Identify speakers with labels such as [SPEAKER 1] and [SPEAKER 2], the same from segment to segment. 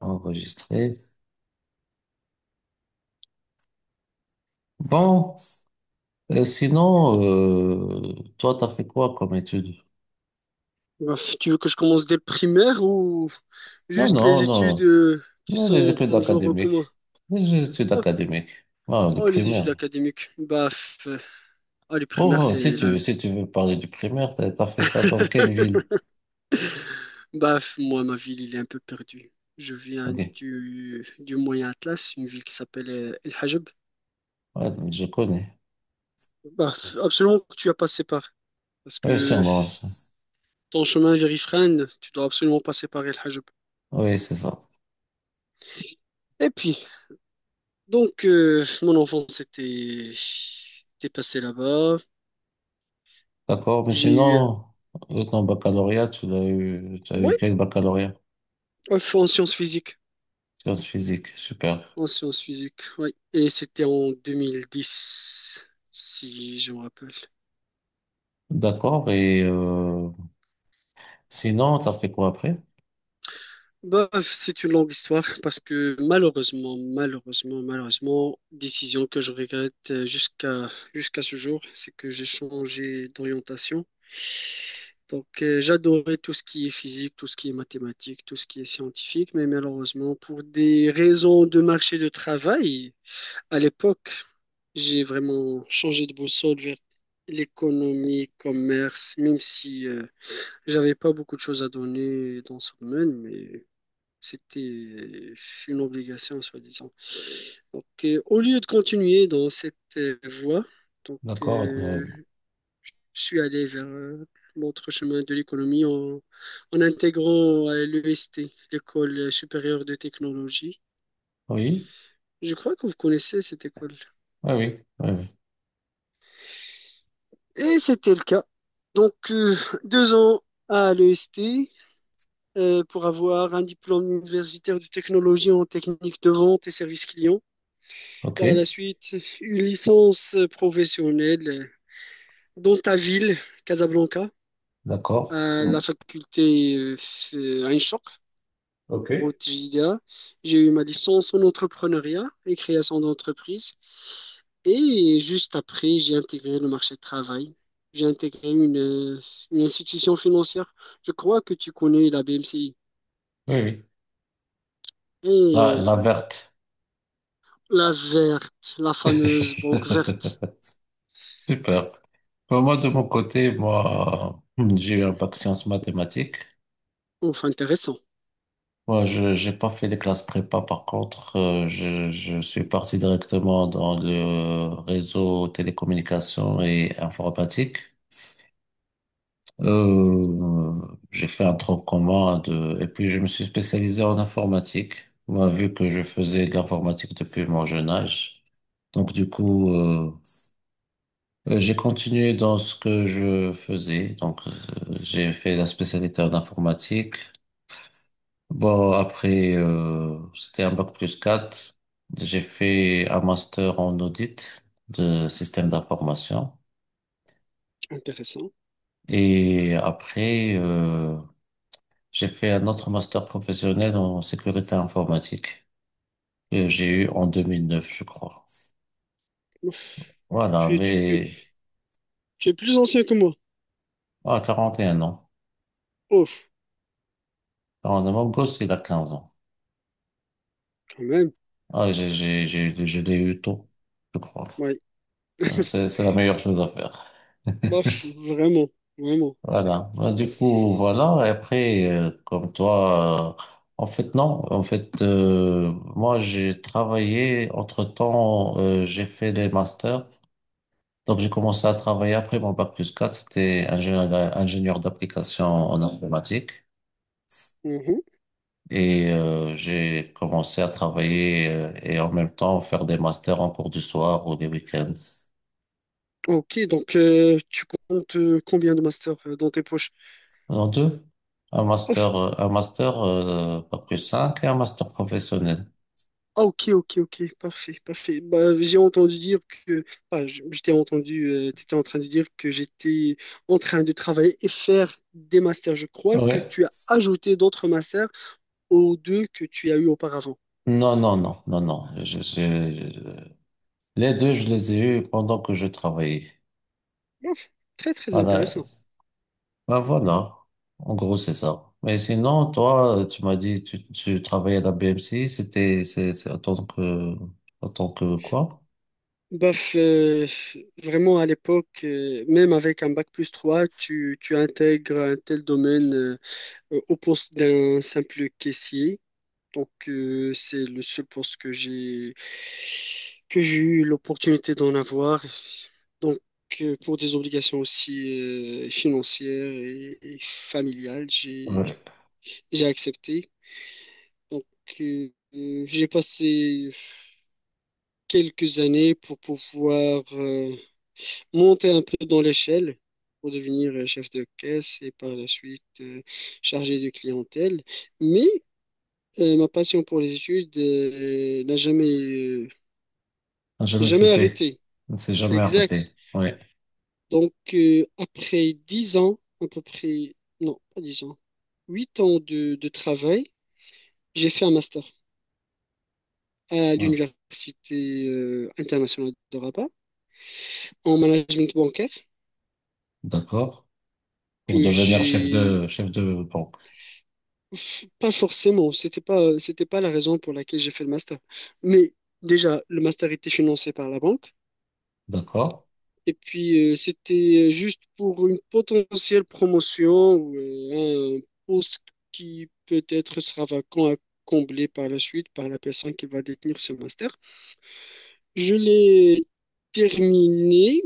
[SPEAKER 1] Enregistré. Bon, et sinon, toi, t'as fait quoi comme études?
[SPEAKER 2] Bah, tu veux que je commence dès le primaire ou
[SPEAKER 1] Non,
[SPEAKER 2] juste
[SPEAKER 1] non,
[SPEAKER 2] les études
[SPEAKER 1] non,
[SPEAKER 2] qui
[SPEAKER 1] non, les
[SPEAKER 2] sont
[SPEAKER 1] études
[SPEAKER 2] genre
[SPEAKER 1] académiques.
[SPEAKER 2] commun?
[SPEAKER 1] Les études
[SPEAKER 2] Oh, f-
[SPEAKER 1] académiques. Ah, le
[SPEAKER 2] oh, les études
[SPEAKER 1] primaire.
[SPEAKER 2] académiques. Bah, oh, les primaires,
[SPEAKER 1] Oh,
[SPEAKER 2] c'est là.
[SPEAKER 1] si tu veux parler du primaire, t'as fait ça dans quelle ville?
[SPEAKER 2] Bah, moi, ma ville, il est un peu perdu. Je viens
[SPEAKER 1] Ok,
[SPEAKER 2] du Moyen Atlas, une ville qui s'appelle El Hajeb.
[SPEAKER 1] ouais, je connais.
[SPEAKER 2] Bah, absolument que tu as passé par. Parce
[SPEAKER 1] Oui,
[SPEAKER 2] que
[SPEAKER 1] sûrement. Ça.
[SPEAKER 2] ton chemin vers Ifrane, tu dois absolument passer par El Hajeb.
[SPEAKER 1] Oui, c'est ça.
[SPEAKER 2] Et puis, donc, mon enfance était passée là-bas.
[SPEAKER 1] D'accord, mais
[SPEAKER 2] J'ai eu.
[SPEAKER 1] sinon, ton baccalauréat, tu as eu
[SPEAKER 2] Oui,
[SPEAKER 1] quel baccalauréat?
[SPEAKER 2] en sciences physiques.
[SPEAKER 1] Sciences physiques, super.
[SPEAKER 2] En sciences physiques, oui. Et c'était en 2010, si je me rappelle.
[SPEAKER 1] D'accord, et sinon, t'as fait quoi après?
[SPEAKER 2] Bah, c'est une longue histoire parce que malheureusement, décision que je regrette jusqu'à ce jour, c'est que j'ai changé d'orientation. Donc, j'adorais tout ce qui est physique, tout ce qui est mathématique, tout ce qui est scientifique, mais malheureusement, pour des raisons de marché de travail, à l'époque, j'ai vraiment changé de boussole vers l'économie, commerce, même si j'avais pas beaucoup de choses à donner dans ce domaine, mais c'était une obligation, soi-disant. Donc, au lieu de continuer dans cette voie, donc,
[SPEAKER 1] D'accord. Euh,
[SPEAKER 2] je suis allé vers l'autre chemin de l'économie en intégrant l'EST, l'École supérieure de technologie.
[SPEAKER 1] oui.
[SPEAKER 2] Je crois que vous connaissez cette école.
[SPEAKER 1] Oui, oui. Oui, oui.
[SPEAKER 2] Et c'était le cas. Donc, deux ans à l'EST pour avoir un diplôme universitaire de technologie en technique de vente et service client. Par la
[SPEAKER 1] OK.
[SPEAKER 2] suite, une licence professionnelle dans ta ville, Casablanca,
[SPEAKER 1] D'accord.
[SPEAKER 2] à la faculté Ain Choc,
[SPEAKER 1] OK. Oui,
[SPEAKER 2] route JDA. J'ai eu ma licence en entrepreneuriat et création d'entreprise. Et juste après, j'ai intégré le marché du travail. J'ai intégré une institution financière. Je crois que tu connais la BMCI.
[SPEAKER 1] oui. La,
[SPEAKER 2] Et
[SPEAKER 1] la
[SPEAKER 2] voilà.
[SPEAKER 1] verte.
[SPEAKER 2] La verte, la fameuse banque verte.
[SPEAKER 1] Super. Pour moi, de mon côté, moi, j'ai eu un bac sciences mathématiques.
[SPEAKER 2] Ouf, intéressant.
[SPEAKER 1] Moi, j'ai pas fait les classes prépa. Par contre, je suis parti directement dans le réseau télécommunications et informatique. Euh, j'ai fait un tronc commun de, et puis je me suis spécialisé en informatique. Moi, vu que je faisais de l'informatique depuis mon jeune âge. Donc, du coup, j'ai continué dans ce que je faisais. Donc, j'ai fait la spécialité en informatique. Bon, après, c'était un bac plus 4. J'ai fait un master en audit de système d'information.
[SPEAKER 2] Intéressant.
[SPEAKER 1] Et après, j'ai fait un autre master professionnel en sécurité informatique que j'ai eu en 2009, je crois.
[SPEAKER 2] Ouf.
[SPEAKER 1] Voilà,
[SPEAKER 2] Tu, tu,
[SPEAKER 1] mais
[SPEAKER 2] tu es plus ancien que moi.
[SPEAKER 1] à 41 ans.
[SPEAKER 2] Ouf,
[SPEAKER 1] Alors, mon gosse, il a 15 ans.
[SPEAKER 2] quand même.
[SPEAKER 1] Ah, je l'ai eu tôt, je crois.
[SPEAKER 2] Ouais.
[SPEAKER 1] C'est la meilleure chose à faire.
[SPEAKER 2] Bof, vraiment. Vraiment.
[SPEAKER 1] Voilà. Bah, du coup, voilà. Et après, comme toi, en fait, non. En fait, moi, j'ai travaillé. Entre-temps, j'ai fait des masters. Donc, j'ai commencé à travailler après mon bac plus quatre. C'était ingénieur, ingénieur d'application en informatique.
[SPEAKER 2] Mhm.
[SPEAKER 1] Et j'ai commencé à travailler et en même temps faire des masters en cours du soir ou des week-ends.
[SPEAKER 2] Ok, donc tu comptes combien de masters dans tes poches?
[SPEAKER 1] En deux,
[SPEAKER 2] Ouf.
[SPEAKER 1] un master bac plus 5 et un master professionnel.
[SPEAKER 2] Ah, ok, ok, ok, parfait, parfait. Bah, j'ai entendu dire que... Ah, je t'ai entendu, t'étais en train de dire que j'étais en train de travailler et faire des masters. Je crois que
[SPEAKER 1] Ouais.
[SPEAKER 2] tu as ajouté d'autres masters aux deux que tu as eu auparavant.
[SPEAKER 1] Non, non, non, non, non. Les deux, je les ai eus pendant que je travaillais.
[SPEAKER 2] Ouf, très, très
[SPEAKER 1] Voilà.
[SPEAKER 2] intéressant.
[SPEAKER 1] Ben voilà, en gros c'est ça. Mais sinon, toi, tu m'as dit tu travaillais à la B M C, c'est en tant que quoi?
[SPEAKER 2] Baf, vraiment à l'époque, même avec un bac plus 3, tu intègres un tel domaine au poste d'un simple caissier. Donc, c'est le seul poste que j'ai eu l'opportunité d'en avoir. Donc, pour des obligations aussi financières et familiales, j'ai
[SPEAKER 1] Ouais.
[SPEAKER 2] j'ai accepté. Donc, j'ai passé quelques années pour pouvoir monter un peu dans l'échelle, pour devenir chef de caisse et par la suite chargé de clientèle. Mais ma passion pour les études n'a jamais
[SPEAKER 1] Un jamais cessé,
[SPEAKER 2] Arrêté.
[SPEAKER 1] ne s'est jamais
[SPEAKER 2] Exact.
[SPEAKER 1] arrêté. Ouais,
[SPEAKER 2] Donc, après 10 ans, à peu près, non, pas 10 ans, 8 ans de travail, j'ai fait un master à
[SPEAKER 1] ouais.
[SPEAKER 2] l'Université internationale de Rabat en management bancaire
[SPEAKER 1] D'accord. Pour
[SPEAKER 2] que
[SPEAKER 1] devenir
[SPEAKER 2] j'ai
[SPEAKER 1] chef de banque,
[SPEAKER 2] pas forcément, c'était pas la raison pour laquelle j'ai fait le master. Mais déjà, le master était financé par la banque.
[SPEAKER 1] d'accord.
[SPEAKER 2] Et puis, c'était juste pour une potentielle promotion ou un poste qui peut-être sera vacant à combler par la suite par la personne qui va détenir ce master. Je l'ai terminé,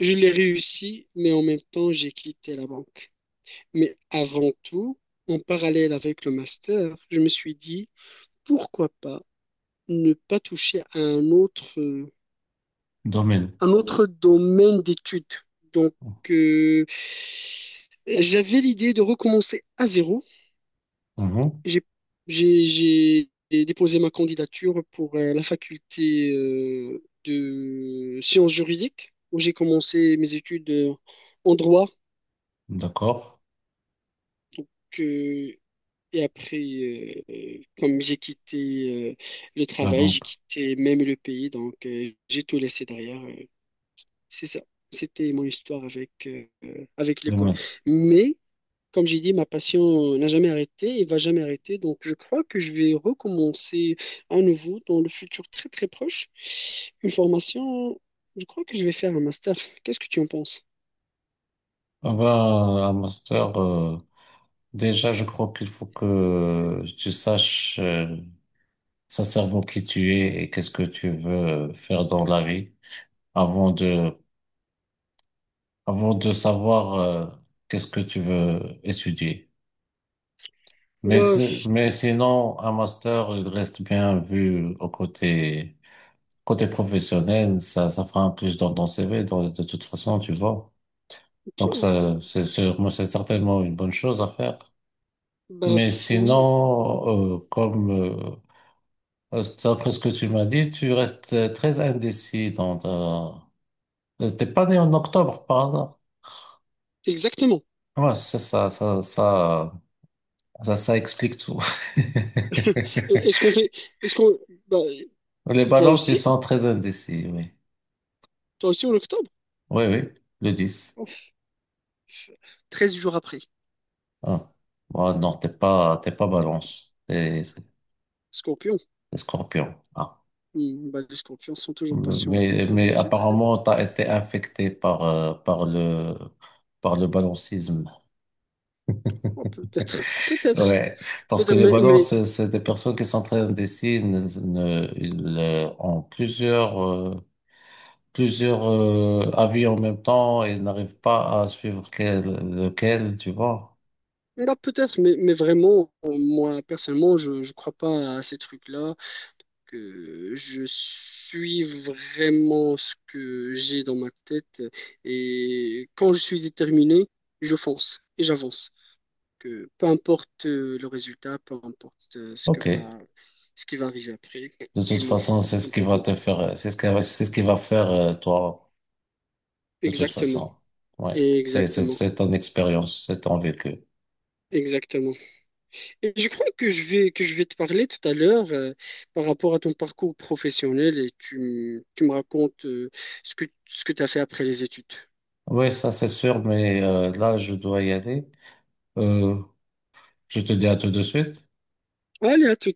[SPEAKER 2] je l'ai réussi, mais en même temps, j'ai quitté la banque. Mais avant tout, en parallèle avec le master, je me suis dit, pourquoi pas ne pas toucher à
[SPEAKER 1] Domaine,
[SPEAKER 2] un autre domaine d'études. Donc, euh, j'avais l'idée de recommencer à zéro.
[SPEAKER 1] mhm.
[SPEAKER 2] J'ai, j'ai, j'ai déposé ma candidature pour la faculté de sciences juridiques, où j'ai commencé mes études en droit.
[SPEAKER 1] D'accord.
[SPEAKER 2] Donc, euh, et après, comme j'ai quitté le
[SPEAKER 1] La
[SPEAKER 2] travail, j'ai
[SPEAKER 1] banque,
[SPEAKER 2] quitté même le pays, donc j'ai tout laissé derrière. C'est ça. C'était mon histoire avec, avec l'école.
[SPEAKER 1] domaine.
[SPEAKER 2] Mais, comme j'ai dit, ma passion n'a jamais arrêté et va jamais arrêter. Donc, je crois que je vais recommencer à nouveau dans le futur très très proche. Une formation, je crois que je vais faire un master. Qu'est-ce que tu en penses?
[SPEAKER 1] Ah ben, un master. Déjà, je crois qu'il faut que tu saches. Sincèrement qui tu es et qu'est-ce que tu veux faire dans la vie avant de, avant de savoir qu'est-ce que tu veux étudier. Mais,
[SPEAKER 2] Bah,
[SPEAKER 1] c'est-
[SPEAKER 2] f-
[SPEAKER 1] mais sinon, un master, il reste bien vu au côté, côté professionnel, ça fera un plus dans ton CV, dans- de toute façon, tu vois. Donc ça,
[SPEAKER 2] p-
[SPEAKER 1] c'est sûrement, c'est certainement une bonne chose à faire.
[SPEAKER 2] bah
[SPEAKER 1] Mais
[SPEAKER 2] f- oui,
[SPEAKER 1] sinon, d'après ce que tu m'as dit, tu restes très indécis dans ta, t'es pas né en octobre par hasard?
[SPEAKER 2] exactement.
[SPEAKER 1] Ouais, c'est ça, explique tout.
[SPEAKER 2] Est-ce qu'on fait, est-ce qu'on, bah,
[SPEAKER 1] Les
[SPEAKER 2] toi
[SPEAKER 1] balances, ils
[SPEAKER 2] aussi,
[SPEAKER 1] sont très indécis, oui.
[SPEAKER 2] toi aussi en octobre?
[SPEAKER 1] Oui, oui, le 10.
[SPEAKER 2] Ouf, 13 jours après.
[SPEAKER 1] Ah. Ouais, non, t'es pas balance, t'es
[SPEAKER 2] Scorpion.
[SPEAKER 1] t'es scorpion. Ah.
[SPEAKER 2] Hmm, bah, les scorpions sont toujours patients aux
[SPEAKER 1] Mais
[SPEAKER 2] études.
[SPEAKER 1] apparemment, t'as été infecté par, par le balancisme.
[SPEAKER 2] Oh, peut-être, peut-être,
[SPEAKER 1] Ouais, parce que les
[SPEAKER 2] mais,
[SPEAKER 1] balances, c'est des personnes qui sont très indécis, ne, ne- ils ont plusieurs avis en même temps et n'arrive pas à suivre quel, lequel, tu vois.
[SPEAKER 2] mais vraiment, moi, personnellement, je ne crois pas à ces trucs-là, que je suis vraiment ce que j'ai dans ma tête, et quand je suis déterminé, je fonce et j'avance. Que peu importe le résultat, peu importe
[SPEAKER 1] Ok.
[SPEAKER 2] ce qui va arriver après,
[SPEAKER 1] De
[SPEAKER 2] je
[SPEAKER 1] toute
[SPEAKER 2] m'en fous
[SPEAKER 1] façon, c'est ce qui va
[SPEAKER 2] complètement.
[SPEAKER 1] te faire, c'est ce qui va faire toi, de toute
[SPEAKER 2] Exactement,
[SPEAKER 1] façon. Ouais.
[SPEAKER 2] exactement,
[SPEAKER 1] C'est ton expérience, c'est ton vécu.
[SPEAKER 2] exactement. Et je crois que je vais, te parler tout à l'heure par rapport à ton parcours professionnel et tu me racontes ce que tu as fait après les études.
[SPEAKER 1] Oui, ça c'est sûr, mais là, je dois y aller. Euh, je te dis à tout de suite.
[SPEAKER 2] Allez, à tout.